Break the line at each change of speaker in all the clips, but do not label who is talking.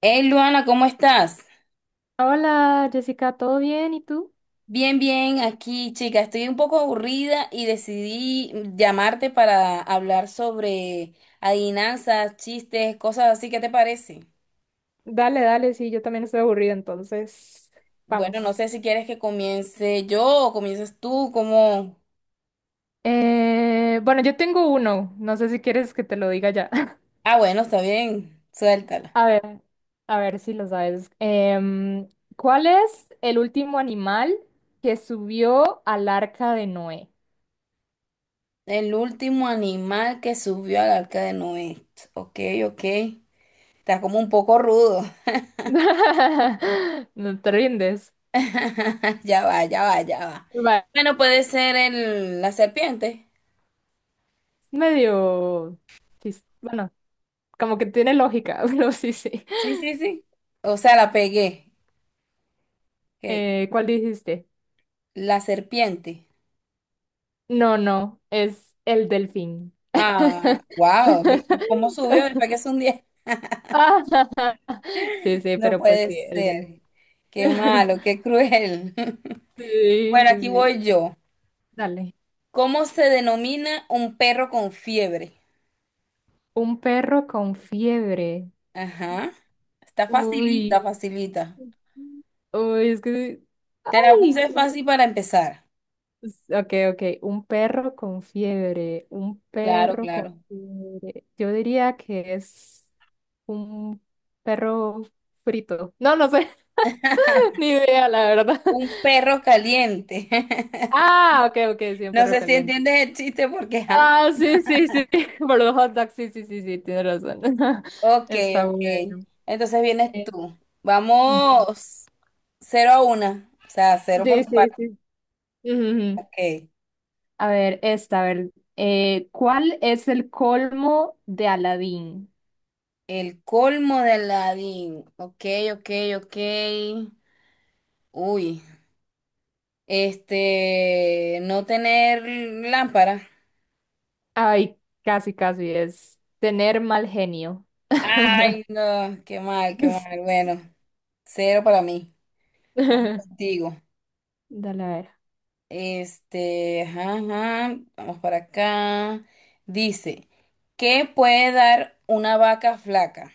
Hey Luana, ¿cómo estás?
Hola Jessica, ¿todo bien? ¿Y tú?
Bien, bien, aquí chica, estoy un poco aburrida y decidí llamarte para hablar sobre adivinanzas, chistes, cosas así, ¿qué te parece?
Dale, dale, sí, yo también estoy aburrida, entonces vamos.
Bueno, no sé si quieres que comience yo o comiences tú, como.
Bueno, yo tengo uno, no sé si quieres que te lo diga ya.
Ah, bueno, está bien, suéltala.
A ver, a ver si lo sabes. ¿Cuál es el último animal que subió al arca de Noé?
El último animal que subió al arca de Noé. Ok, ok. Está como un poco rudo.
No te rindes.
Ya va, ya va, ya va.
Va.
Bueno, puede ser la serpiente.
Es medio... Bueno, como que tiene lógica, pero sí, sí.
Sí, sí, sí. O sea, la pegué. Que-
¿Cuál dijiste?
La serpiente.
No, no, es el delfín.
Ah, wow. ¿Y cómo subió? ¿Le pegué es un 10?
Ah, sí, sí,
No
pero pues
puede
sí, el delfín.
ser. Qué malo, qué cruel.
Sí, sí,
Bueno, aquí
sí.
voy yo.
Dale.
¿Cómo se denomina un perro con fiebre?
Un perro con fiebre.
Ajá. Está facilita,
Uy.
facilita.
Uy, es que... sí.
Te la
Ay.
puse fácil para empezar.
Ok, ok. Un perro con fiebre. Un
Claro,
perro con
claro.
fiebre. Yo diría que es un perro frito. No, no sé, ni idea, la verdad.
Un perro caliente.
Ah, ok, ok, sí, un
No
perro
sé si
caliente.
entiendes el chiste porque, ajá.
Ah, sí, sí, sí, por los hot dogs, sí, sí, sí, sí, tienes razón.
Ok,
Está
ok.
bueno.
Entonces vienes
Eh,
tú.
bu-
Vamos 0-1. O sea, cero por
sí,
tu
sí,
parte.
sí. Ujú. Ujú.
Ok.
A ver, esta, a ver, ¿cuál es el colmo de Aladín?
El colmo de Aladdin. Ok, ok, ok. Uy. Este, no tener lámpara.
Ay, casi, casi, es tener mal genio.
Ay, no, qué mal, qué mal. Bueno, cero para mí. Contigo.
Dale, a ver,
Este, ajá, ajá, vamos para acá. Dice, ¿qué puede dar una vaca flaca?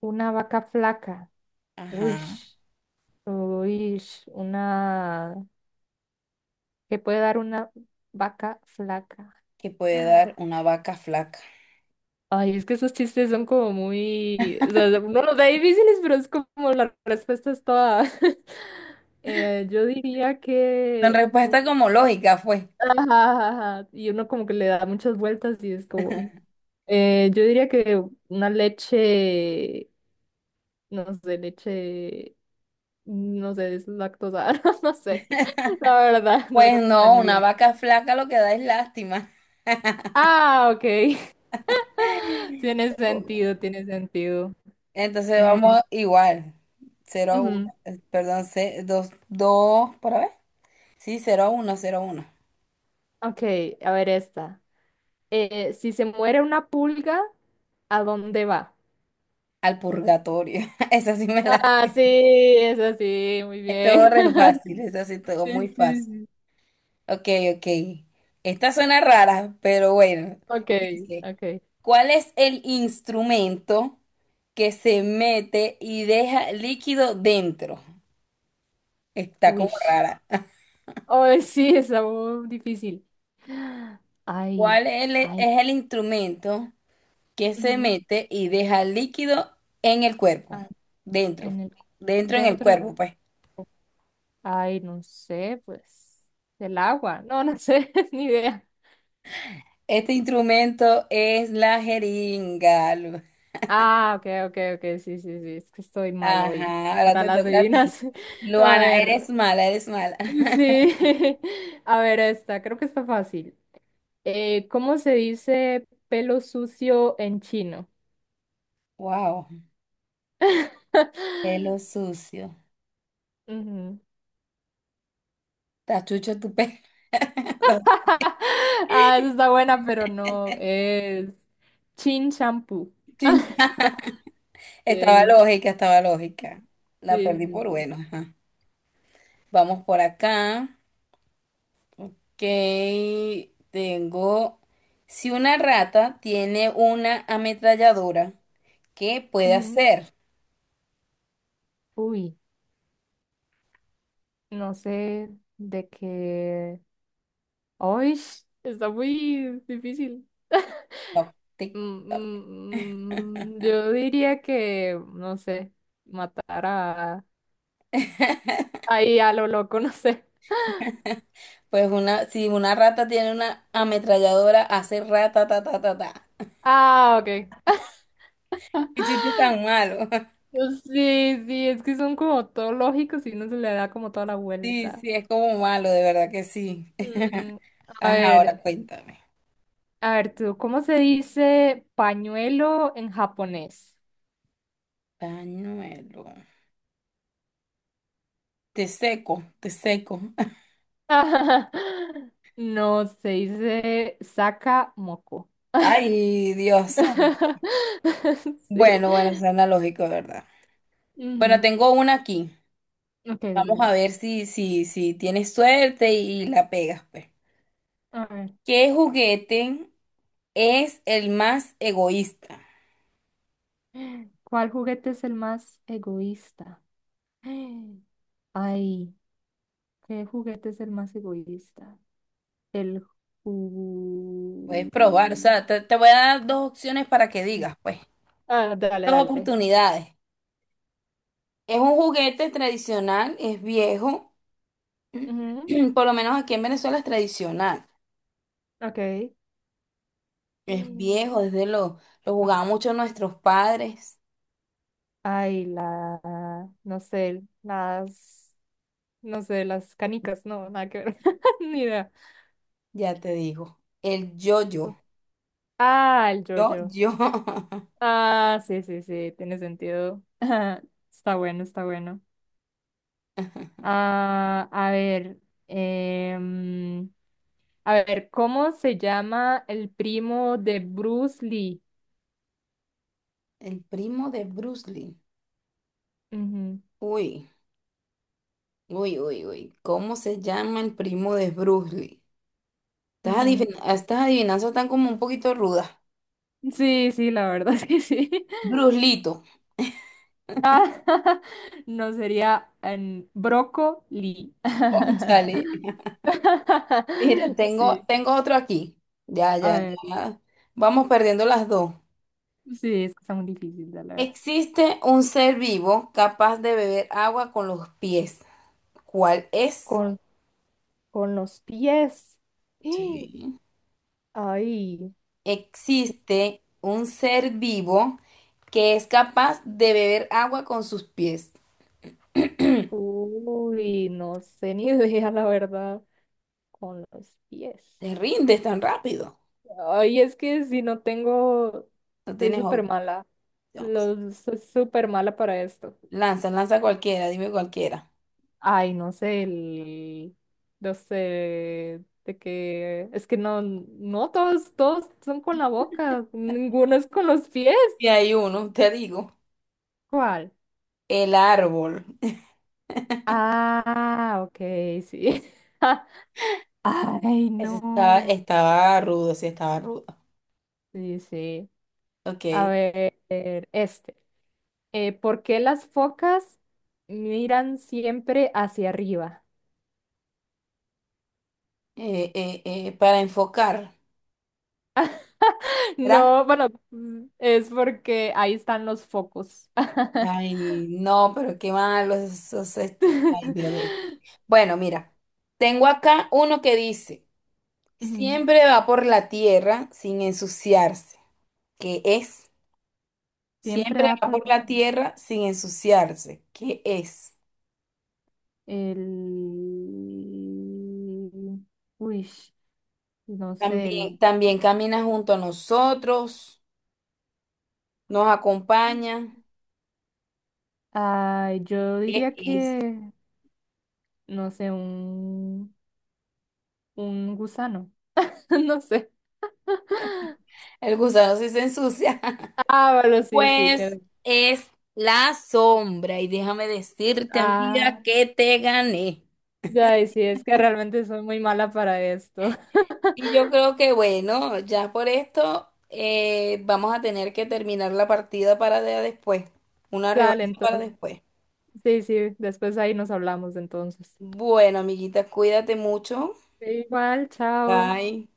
una vaca flaca. Uy,
Ajá.
uy, una... que puede dar una vaca flaca.
¿Que puede dar una vaca flaca?
Ay, es que esos chistes son como muy, o sea, uno los da difíciles, pero es como la respuesta es toda. Yo diría
Son
que,
respuesta como lógica fue.
ajá, y uno como que le da muchas vueltas y es como, yo diría que una leche, no sé, es lactosa, no sé, la verdad, no
Pues
sé
no,
ni
una
bien.
vaca flaca lo que da es lástima.
Ah, ok, tiene sentido, tiene sentido.
Entonces
Mm,
vamos igual. 0-1,
ujú.
perdón, 2-2 ¿para ver? Sí, 0-1, 0-1.
Ok, a ver esta. Si se muere una pulga, ¿a dónde va?
Al purgatorio. Esa sí me la.
Ah, sí, es así, muy
Estuvo
bien.
re fácil, esa sí todo
Sí,
muy
sí,
fácil.
sí.
Ok, ok. Esta suena rara, pero bueno.
Ok,
Dice,
ok.
¿cuál es el instrumento que se mete y deja líquido dentro? Está como
Wish.
rara.
Oh, sí, está muy difícil. Ay,
¿Cuál es es
ay.
el instrumento que se
Ujú.
mete y deja líquido en el cuerpo?
Ah,
Dentro.
en el,
Dentro en el
dentro,
cuerpo, pues.
ay, no sé, pues, del agua. No, no sé, ni idea.
Este instrumento es la jeringa.
Ah, ok, ok, ok, sí, sí, sí, es que estoy mal hoy
Ajá, ahora
para
te
las
toca a ti.
divinas. A
Luana, eres
ver,
mala, eres mala.
sí, a ver esta, creo que está fácil. ¿Cómo se dice pelo sucio en chino?
Wow, pelo sucio.
Ujú.
Tachucho tu pelo. No,
Ah, esa está buena, pero no, es chin shampoo.
chincha. Estaba
Sí,
lógica, estaba lógica. La
sí,
perdí
sí,
por
sí.
bueno. Ajá. Vamos por acá, que tengo. Si una rata tiene una ametralladora, ¿qué puede
Ujú.
hacer?
Uy, no sé de qué. Uy, está muy difícil.
Toc, tic,
Mm,
toc.
mm, mm, yo diría que, no sé, matar a... Ahí a lo loco, no sé.
Pues una, si una rata tiene una ametralladora, hace rata, ta, ta, ta, ta.
Ah, ok.
Y chiste tan malo.
Pues sí, sí, es que son como todo lógicos y uno se le da como toda la
Sí,
vuelta.
sí, es como malo, de verdad que sí.
Mm, a
Ajá,
ver,
ahora cuéntame.
a ver tú, ¿cómo se dice pañuelo en japonés?
Pañuelo. Te seco, te seco.
No, se dice saca moco.
Ay, Dios.
Sí.
Bueno, bueno, suena lógico, ¿de verdad? Bueno,
Ujú.
tengo una aquí.
Ok, dale,
Vamos
a
a
ver.
ver si tienes suerte y la pegas, pues.
A ver.
¿Qué juguete es el más egoísta?
¿Cuál juguete es el más egoísta? Ay, ¿qué juguete es el más egoísta? El
Puedes
ju...
probar, o sea, te voy a dar dos opciones para que digas, pues.
Ah, dale,
Dos
dale.
oportunidades. Es un juguete tradicional, es viejo,
Ujú,
por lo menos aquí en Venezuela es tradicional.
ok.
Es viejo, lo jugaban mucho nuestros padres,
Ay, la, no sé, las, no sé, las canicas, no, nada que ver, ni idea.
ya te digo. El yo-yo.
Ah, el yo-yo.
Yo-yo.
Ah, sí, sí, sí, tiene sentido. Está bueno, está bueno. Ah, a ver, em, a ver, ¿cómo se llama el primo de Bruce Lee?
El primo de Bruce Lee.
Ujú,
Uy, uy, uy, uy. ¿Cómo se llama el primo de Bruce Lee? Estas
ujú.
estas adivinanzas están como un poquito rudas.
Sí, sí, la verdad es que sí.
Bruce Lito.
Ah, no sería Broco Lee.
Cónchale. Mira, tengo,
Sí,
tengo otro aquí. Ya,
a
ya,
ver,
ya. Vamos perdiendo las dos.
sí, es que está muy difícil, la verdad.
Existe un ser vivo capaz de beber agua con los pies. ¿Cuál es?
Con, con los pies.
Sí.
¡Ah! Ay,
Existe un ser vivo que es capaz de beber agua con sus pies.
uy, no sé ni idea, la verdad. Con los pies.
Te rindes tan rápido.
Ay, es que si no tengo,
No
soy
tienes
súper
opciones.
mala. Los, soy súper mala para esto.
Lanza, lanza cualquiera, dime cualquiera.
Ay, no sé, el, no sé, de que, es que no, no, todos, todos son con la boca, ninguno es con los pies.
Y hay uno, te digo.
¿Cuál?
El árbol.
Ah, ok, sí. Ay,
Ese estaba,
no.
estaba rudo, sí, estaba rudo.
Sí, sí.
Ok.
A ver, este. ¿Por qué las focas miran siempre hacia arriba?
Para enfocar, ¿verdad?
No, bueno, mm, es porque ahí están los focos.
Ay, no, pero qué malo. Ay, Dios. Bueno, mira. Tengo acá uno que dice,
Ujú.
siempre va por la tierra sin ensuciarse. ¿Qué es?
Siempre
Siempre
da
va
por
por la tierra sin ensuciarse. ¿Qué es?
el... Uy, no sé,
También,
el...
también camina junto a nosotros, nos acompaña.
Ay, yo
¿Qué
diría
es?
que, no sé, un gusano. No sé.
El gusano sí se ensucia.
Ah, bueno, sí, sí.
Pues
tiene-
es la sombra. Y déjame decirte,
Ah.
amiga, que te gané.
Ay, sí, es que realmente soy muy mala para esto.
Y yo creo que, bueno, ya por esto vamos a tener que terminar la partida para después. Una
Dale,
revancha para
entonces.
después.
Sí, sí, después ahí nos hablamos entonces.
Bueno, amiguita, cuídate mucho.
Igual, chao.
Bye.